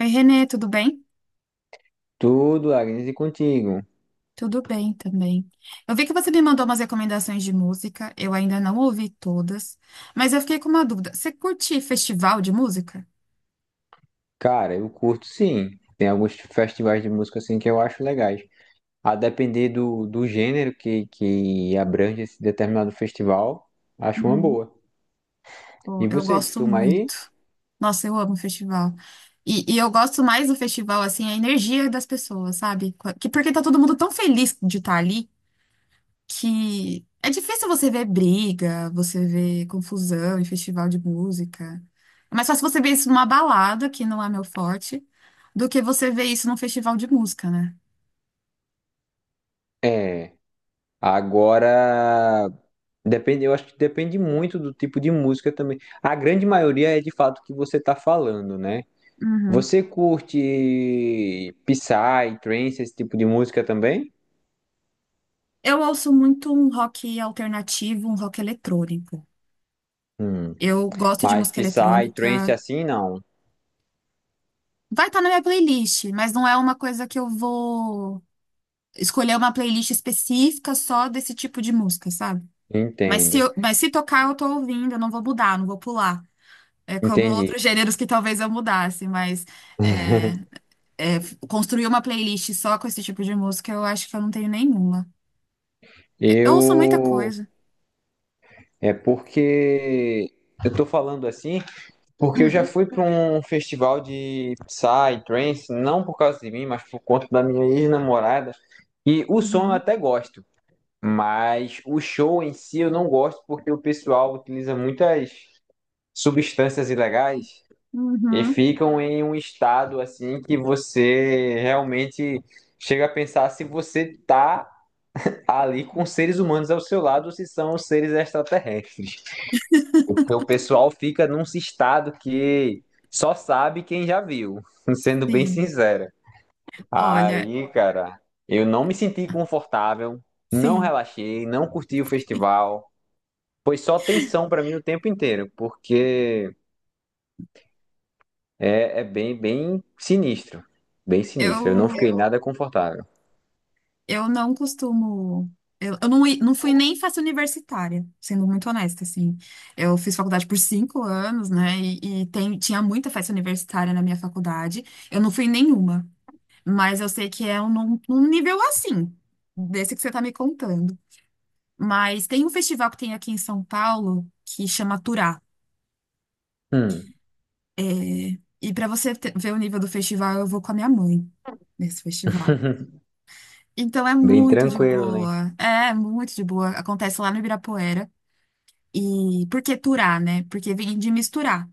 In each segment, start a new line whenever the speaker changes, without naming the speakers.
Oi, Renê, tudo bem?
Tudo, Agnes, e contigo?
Tudo bem também. Eu vi que você me mandou umas recomendações de música, eu ainda não ouvi todas, mas eu fiquei com uma dúvida. Você curte festival de música?
Cara, eu curto sim. Tem alguns festivais de música assim que eu acho legais. A depender do gênero que abrange esse determinado festival, acho uma
Uhum.
boa.
Pô,
E
eu
você,
gosto
costuma ir?
muito. Nossa, eu amo festival. E eu gosto mais do festival, assim, a energia das pessoas, sabe? Porque tá todo mundo tão feliz de estar ali, que é difícil você ver briga, você ver confusão em festival de música. É mais fácil você ver isso numa balada, que não é meu forte, do que você ver isso num festival de música, né?
É. Agora, depende, eu acho que depende muito do tipo de música também. A grande maioria é de fato o que você está falando, né?
Uhum.
Você curte Psy, Trance, esse tipo de música também?
Eu ouço muito um rock alternativo, um rock eletrônico.
Hum.
Eu gosto de
Mas
música
Psy, Trance
eletrônica.
assim, não.
Vai estar na minha playlist, mas não é uma coisa que eu vou escolher uma playlist específica só desse tipo de música, sabe? Mas se,
Entendo,
eu- mas se tocar, eu tô ouvindo, eu não vou mudar, não vou pular. É como
entendi.
outros gêneros que talvez eu mudasse, mas é, é, construir uma playlist só com esse tipo de música, eu acho que eu não tenho nenhuma. É. eu ouço muita
Eu
coisa.
é porque eu tô falando assim, porque eu já
Hum.
fui para um festival de Psy, trance, não por causa de mim, mas por conta da minha ex-namorada. E o som eu
Uhum.
até gosto, mas o show em si eu não gosto porque o pessoal utiliza muitas substâncias ilegais e
Uhum.
ficam em um estado assim que você realmente chega a pensar se você tá ali com seres humanos ao seu lado, se são seres extraterrestres. Porque o pessoal fica num estado que só sabe quem já viu, sendo bem
Sim.
sincera.
Olha,
Aí, cara, eu não me senti confortável, não
sim,
relaxei, não curti o festival. Foi só tensão pra mim o tempo inteiro, porque é, é bem, bem sinistro. Bem sinistro. Eu não
eu,
fiquei nada confortável.
eu não costumo. Eu não fui nem festa universitária, sendo muito honesta, assim. Eu fiz faculdade por 5 anos, né? E tinha muita festa universitária na minha faculdade. Eu não fui em nenhuma. Mas eu sei que é num nível assim, desse que você tá me contando. Mas tem um festival que tem aqui em São Paulo que chama Turá.
Hum.
É, e para você ver o nível do festival, eu vou com a minha mãe nesse festival. Então é
Bem
muito de
tranquilo, né?
boa. É muito de boa. Acontece lá no Ibirapuera. E por que Turá, né? Porque vem de misturar.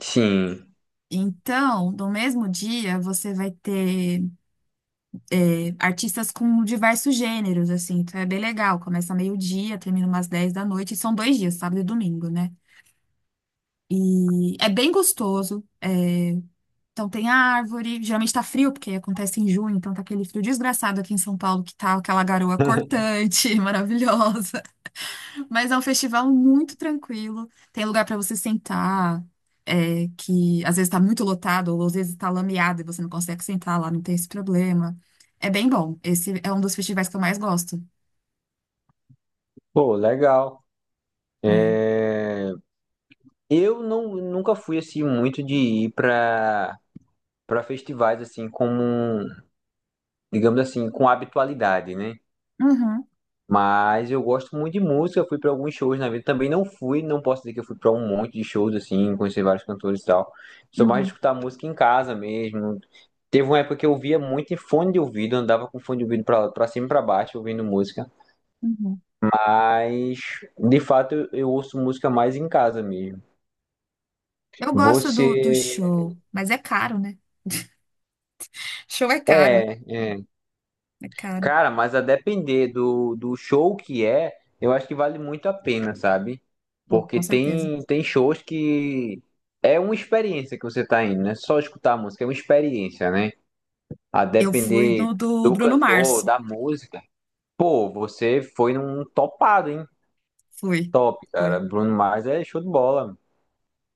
Sim.
Então, no mesmo dia, você vai ter artistas com diversos gêneros, assim, então é bem legal. Começa meio-dia, termina umas 10 da noite, e são 2 dias, sábado e domingo, né? E é bem gostoso. Então tem árvore, geralmente tá frio, porque acontece em junho, então tá aquele frio desgraçado aqui em São Paulo, que tá aquela garoa cortante, maravilhosa. Mas é um festival muito tranquilo. Tem lugar para você sentar, que às vezes está muito lotado, ou às vezes está lameado e você não consegue sentar lá, não tem esse problema. É bem bom. Esse é um dos festivais que eu mais gosto.
Pô, legal.
É.
Eu não, nunca fui assim muito de ir para festivais assim como, digamos assim, com habitualidade, né?
Uhum.
Mas eu gosto muito de música, fui para alguns shows na vida. Também não fui, não posso dizer que eu fui para um monte de shows assim, conheci vários cantores e tal. Sou mais de
Uhum.
escutar música em casa mesmo. Teve uma época que eu via muito em fone de ouvido, andava com fone de ouvido para cima e para baixo ouvindo música.
Uhum.
Mas de fato eu ouço música mais em casa mesmo.
Eu gosto
Você
do show, mas é caro, né? Show é caro,
é, é.
é caro.
Cara, mas a depender do show que é, eu acho que vale muito a pena, sabe?
Pô,
Porque
com certeza.
tem, tem shows que é uma experiência que você tá indo, não é só escutar a música, é uma experiência, né? A
Eu fui
depender
no do
do
Bruno
cantor,
Mars.
da música. Pô, você foi num topado, hein?
Fui,
Top, cara.
fui.
Bruno Mars é show de bola.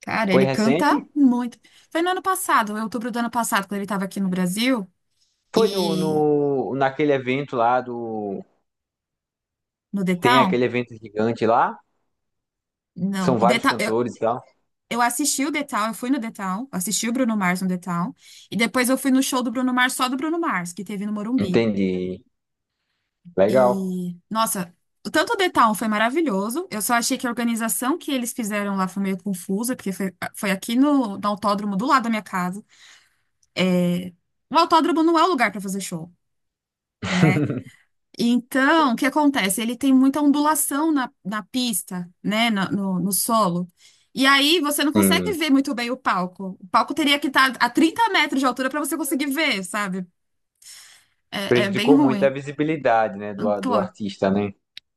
Cara,
Foi
ele canta
recente?
muito. Foi no ano passado, em outubro do ano passado, quando ele estava aqui no Brasil.
Foi no,
E
no, naquele evento lá do.
no
Que
The
tem
Town?
aquele evento gigante lá.
Não.
São
O The
vários
Town, eu,
cantores e tal.
eu assisti o The Town, eu fui no The Town, assisti o Bruno Mars no The Town. E depois eu fui no show do Bruno Mars, só do Bruno Mars, que teve no Morumbi.
Entendi. Legal.
E, nossa, tanto o The Town foi maravilhoso, eu só achei que a organização que eles fizeram lá foi meio confusa, porque foi aqui no autódromo do lado da minha casa. É, o autódromo não é o lugar para fazer show, né? Então, o que acontece? Ele tem muita ondulação na pista, né? No solo. E aí você não consegue
Sim.
ver muito bem o palco. O palco teria que estar a 30 metros de altura para você conseguir ver, sabe? É bem
Prejudicou muito a
ruim.
visibilidade, né, do,
Pô,
do artista, né?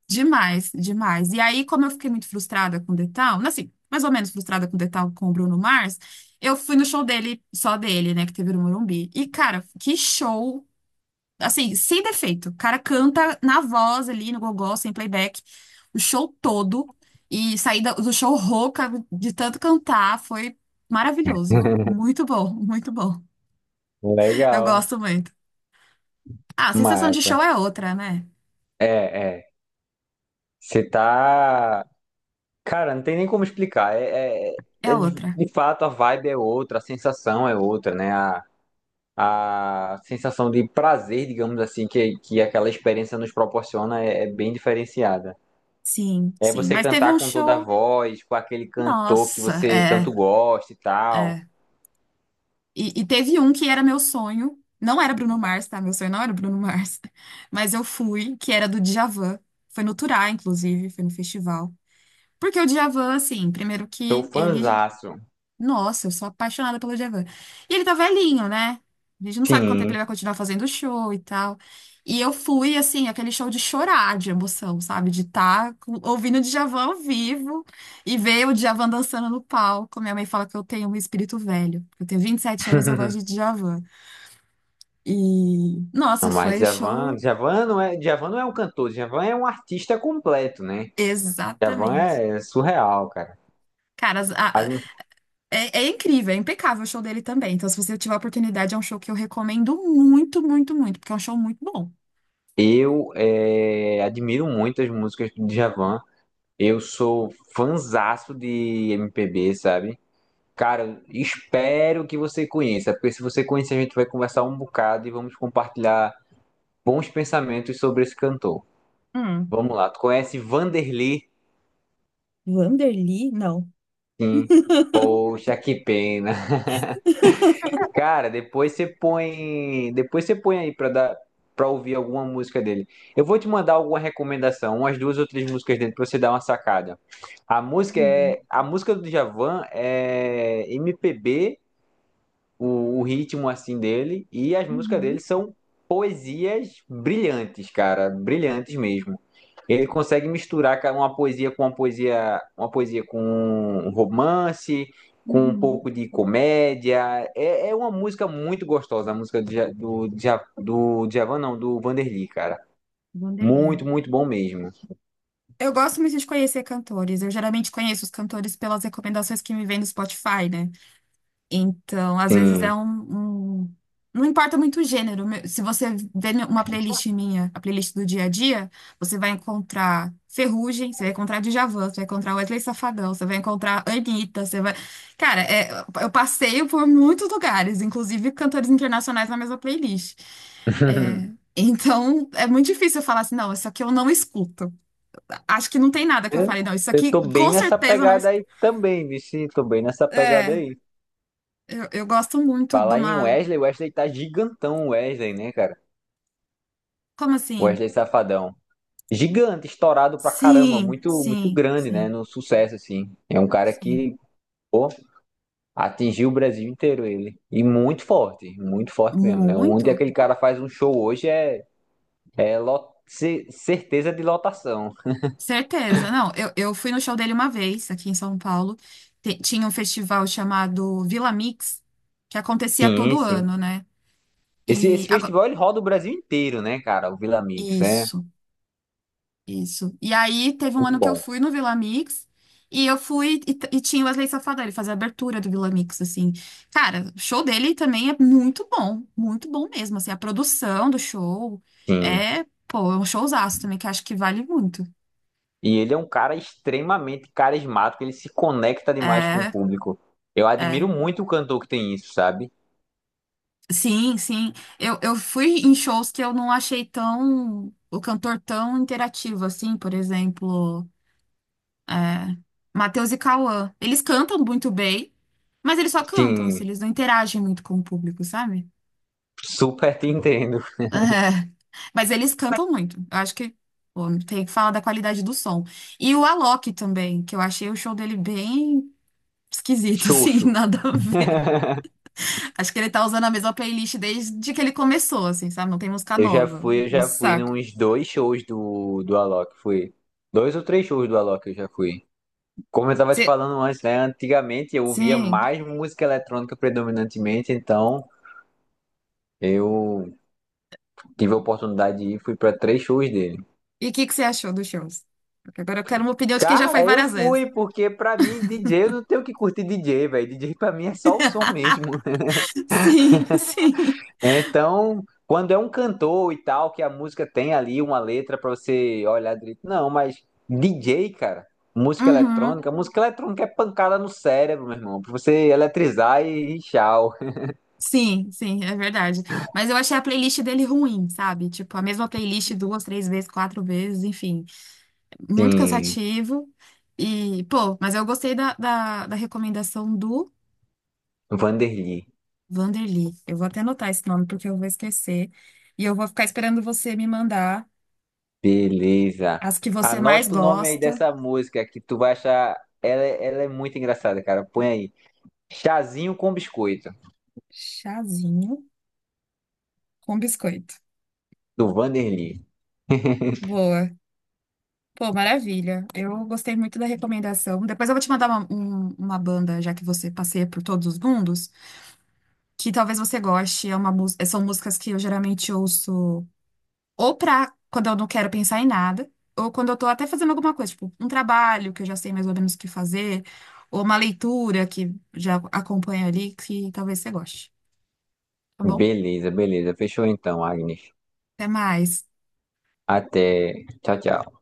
demais, demais. E aí, como eu fiquei muito frustrada com o Detal, assim, mais ou menos frustrada com o Detal com o Bruno Mars, eu fui no show dele, só dele, né? Que teve no Morumbi. E, cara, que show. Assim, sem defeito. O cara canta na voz ali, no gogó, sem playback, o show todo. E sair do show rouca de tanto cantar foi maravilhoso. Muito bom, muito bom. Eu
Legal,
gosto muito. Ah, a sensação de show
massa.
é outra, né?
É, é. Você tá. Cara, não tem nem como explicar. É, é-
É
é
outra.
de fato, a vibe é outra, a sensação é outra, né? A sensação de prazer, digamos assim, que aquela experiência nos proporciona é, é bem diferenciada.
Sim,
É
sim.
você
Mas teve
cantar
um
com toda a
show.
voz, com aquele cantor que
Nossa,
você tanto
é,
gosta e tal.
é. E teve um que era meu sonho. Não era Bruno Mars, tá? Meu sonho não era Bruno Mars. Mas eu fui, que era do Djavan. Foi no Turá, inclusive, foi no festival. Porque o Djavan, assim, primeiro
Sou
que ele.
fãzaço.
Nossa, eu sou apaixonada pelo Djavan. E ele tá velhinho, né? A gente não sabe quanto tempo
Sim.
ele vai continuar fazendo show e tal. E eu fui, assim, aquele show de chorar de emoção, sabe? De estar ouvindo o Djavan ao vivo e ver o Djavan dançando no palco. Minha mãe fala que eu tenho um espírito velho. Eu tenho 27 anos, eu gosto de Djavan. E,
Não,
nossa,
mas
foi o show.
Djavan não é um cantor, Djavan é um artista completo, né? Djavan
Exatamente.
é surreal, cara.
Cara, as-
A
a-
gente-
É, é incrível, é impecável o show dele também. Então, se você tiver a oportunidade, é um show que eu recomendo muito, muito, muito, porque é um show muito bom.
Eu admiro muito as músicas do Djavan. Eu sou fanzaço de MPB, sabe? Cara, espero que você conheça, porque se você conhecer, a gente vai conversar um bocado e vamos compartilhar bons pensamentos sobre esse cantor.
Hum.
Vamos lá, tu conhece Vanderlei?
Wanderly? Não.
Sim. Poxa, que pena. Cara, depois você põe aí pra dar, para ouvir alguma música dele. Eu vou te mandar alguma recomendação, umas duas ou três músicas dele para você dar uma sacada. A música
Uhum.
é, a música do Djavan é MPB, o ritmo assim dele e as músicas
Uhum.
dele são poesias brilhantes, cara, brilhantes mesmo. Ele consegue misturar cara, uma poesia com um romance, com um
Uhum.
pouco de comédia. É, é uma música muito gostosa, a música do, do Djavan, não, do Vanderly, cara.
Wanderly.
Muito, muito bom mesmo.
Eu gosto muito de conhecer cantores. Eu geralmente conheço os cantores pelas recomendações que me vêm no Spotify, né? Então, às vezes é
Sim.
um- não importa muito o gênero. Se você vê uma playlist minha, a playlist do dia a dia, você vai encontrar Ferrugem, você vai encontrar Djavan, você vai encontrar Wesley Safadão, você vai encontrar Anitta, você vai... Cara, eu passeio por muitos lugares, inclusive cantores internacionais na mesma playlist. É, então, é muito difícil eu falar assim, não, isso aqui eu não escuto. Acho que não tem nada que eu
Eu,
falei, não, isso
eu
aqui
tô
com
bem nessa
certeza eu não
pegada
escuto.
aí também, Vici. Tô bem nessa pegada
É,
aí.
eu gosto muito de
Falar em
uma...
Wesley, o Wesley tá gigantão, o Wesley, né, cara?
Como
O
assim?
Wesley Safadão. Gigante, estourado pra caramba,
Sim,
muito, muito
sim,
grande, né?
sim,
No sucesso, assim. É um cara
sim.
que, pô, atingiu o Brasil inteiro ele. E muito forte mesmo, né? Onde
Muito.
aquele cara faz um show hoje é, certeza de lotação.
Certeza. Não, eu fui no show dele uma vez, aqui em São Paulo. Tinha um festival chamado Vila Mix, que acontecia
Sim,
todo
sim.
ano, né?
Esse,
E
esse
agora,
festival ele roda o Brasil inteiro, né, cara? O Vila Mix, é
isso. Isso. E aí teve um
muito
ano que eu
bom.
fui no Vila Mix e eu fui e, t- e tinha o Wesley Safadão, ele fazia a abertura do Vila Mix, assim. Cara, o show dele também é muito bom mesmo, assim, a produção do show
Sim.
pô, é um showzaço também que eu acho que vale muito.
E ele é um cara extremamente carismático, ele se conecta demais com o
É,
público. Eu
é.
admiro muito o cantor que tem isso, sabe?
Sim, sim. Eu fui em shows que eu não achei tão, o cantor tão interativo, assim, por exemplo. É, Matheus e Cauã. Eles cantam muito bem, mas eles só
Sim,
cantam, assim, eles não interagem muito com o público, sabe?
super te entendo.
É, Mas eles cantam muito. Eu acho que pô, tem que falar da qualidade do som. E o Alok também, que eu achei o show dele bem esquisito, assim,
Xoxo.
nada a ver. Acho que ele tá usando a mesma playlist desde que ele começou, assim, sabe? Não tem música
Eu já
nova.
fui, eu
É um
já fui
saco.
nos dois shows do Alok. Fui. Dois ou três shows do Alok eu já fui. Como eu tava te
Cê-
falando antes, né? Antigamente eu ouvia
Sim.
mais música eletrônica predominantemente, então eu tive a oportunidade de ir, fui para três shows dele.
E o que que você achou dos shows? Porque agora eu quero uma opinião de quem já foi
Cara, eu
várias vezes.
fui, porque pra mim, DJ, eu não tenho que curtir DJ, velho. DJ pra mim é só o som mesmo.
Sim, sim.
Então, quando é um cantor e tal, que a música tem ali uma letra pra você olhar direito. Não, mas DJ, cara,
Uhum.
música eletrônica é pancada no cérebro, meu irmão. Pra você eletrizar e tchau.
Sim, sim, é verdade. Mas eu achei a playlist dele ruim, sabe? Tipo, a mesma playlist duas, três vezes, quatro vezes, enfim. Muito
Sim,
cansativo. E, pô, mas eu gostei da recomendação do
Vanderly.
Vanderly. Eu vou até anotar esse nome porque eu vou esquecer. E eu vou ficar esperando você me mandar
Beleza.
as que você mais
Anota o nome aí
gosta.
dessa música que tu vai achar. Ela é muito engraçada, cara. Põe aí. Chazinho com biscoito.
Chazinho com biscoito.
Do Vanderlei.
Boa. Pô, maravilha. Eu gostei muito da recomendação. Depois eu vou te mandar uma banda, já que você passeia por todos os mundos, que talvez você goste. É são músicas que eu geralmente ouço ou pra quando eu não quero pensar em nada, ou quando eu tô até fazendo alguma coisa, tipo um trabalho que eu já sei mais ou menos o que fazer, ou uma leitura que já acompanha ali, que talvez você goste. Tá bom?
Beleza, beleza. Fechou então, Agnes.
Até mais.
Até. Tchau, tchau.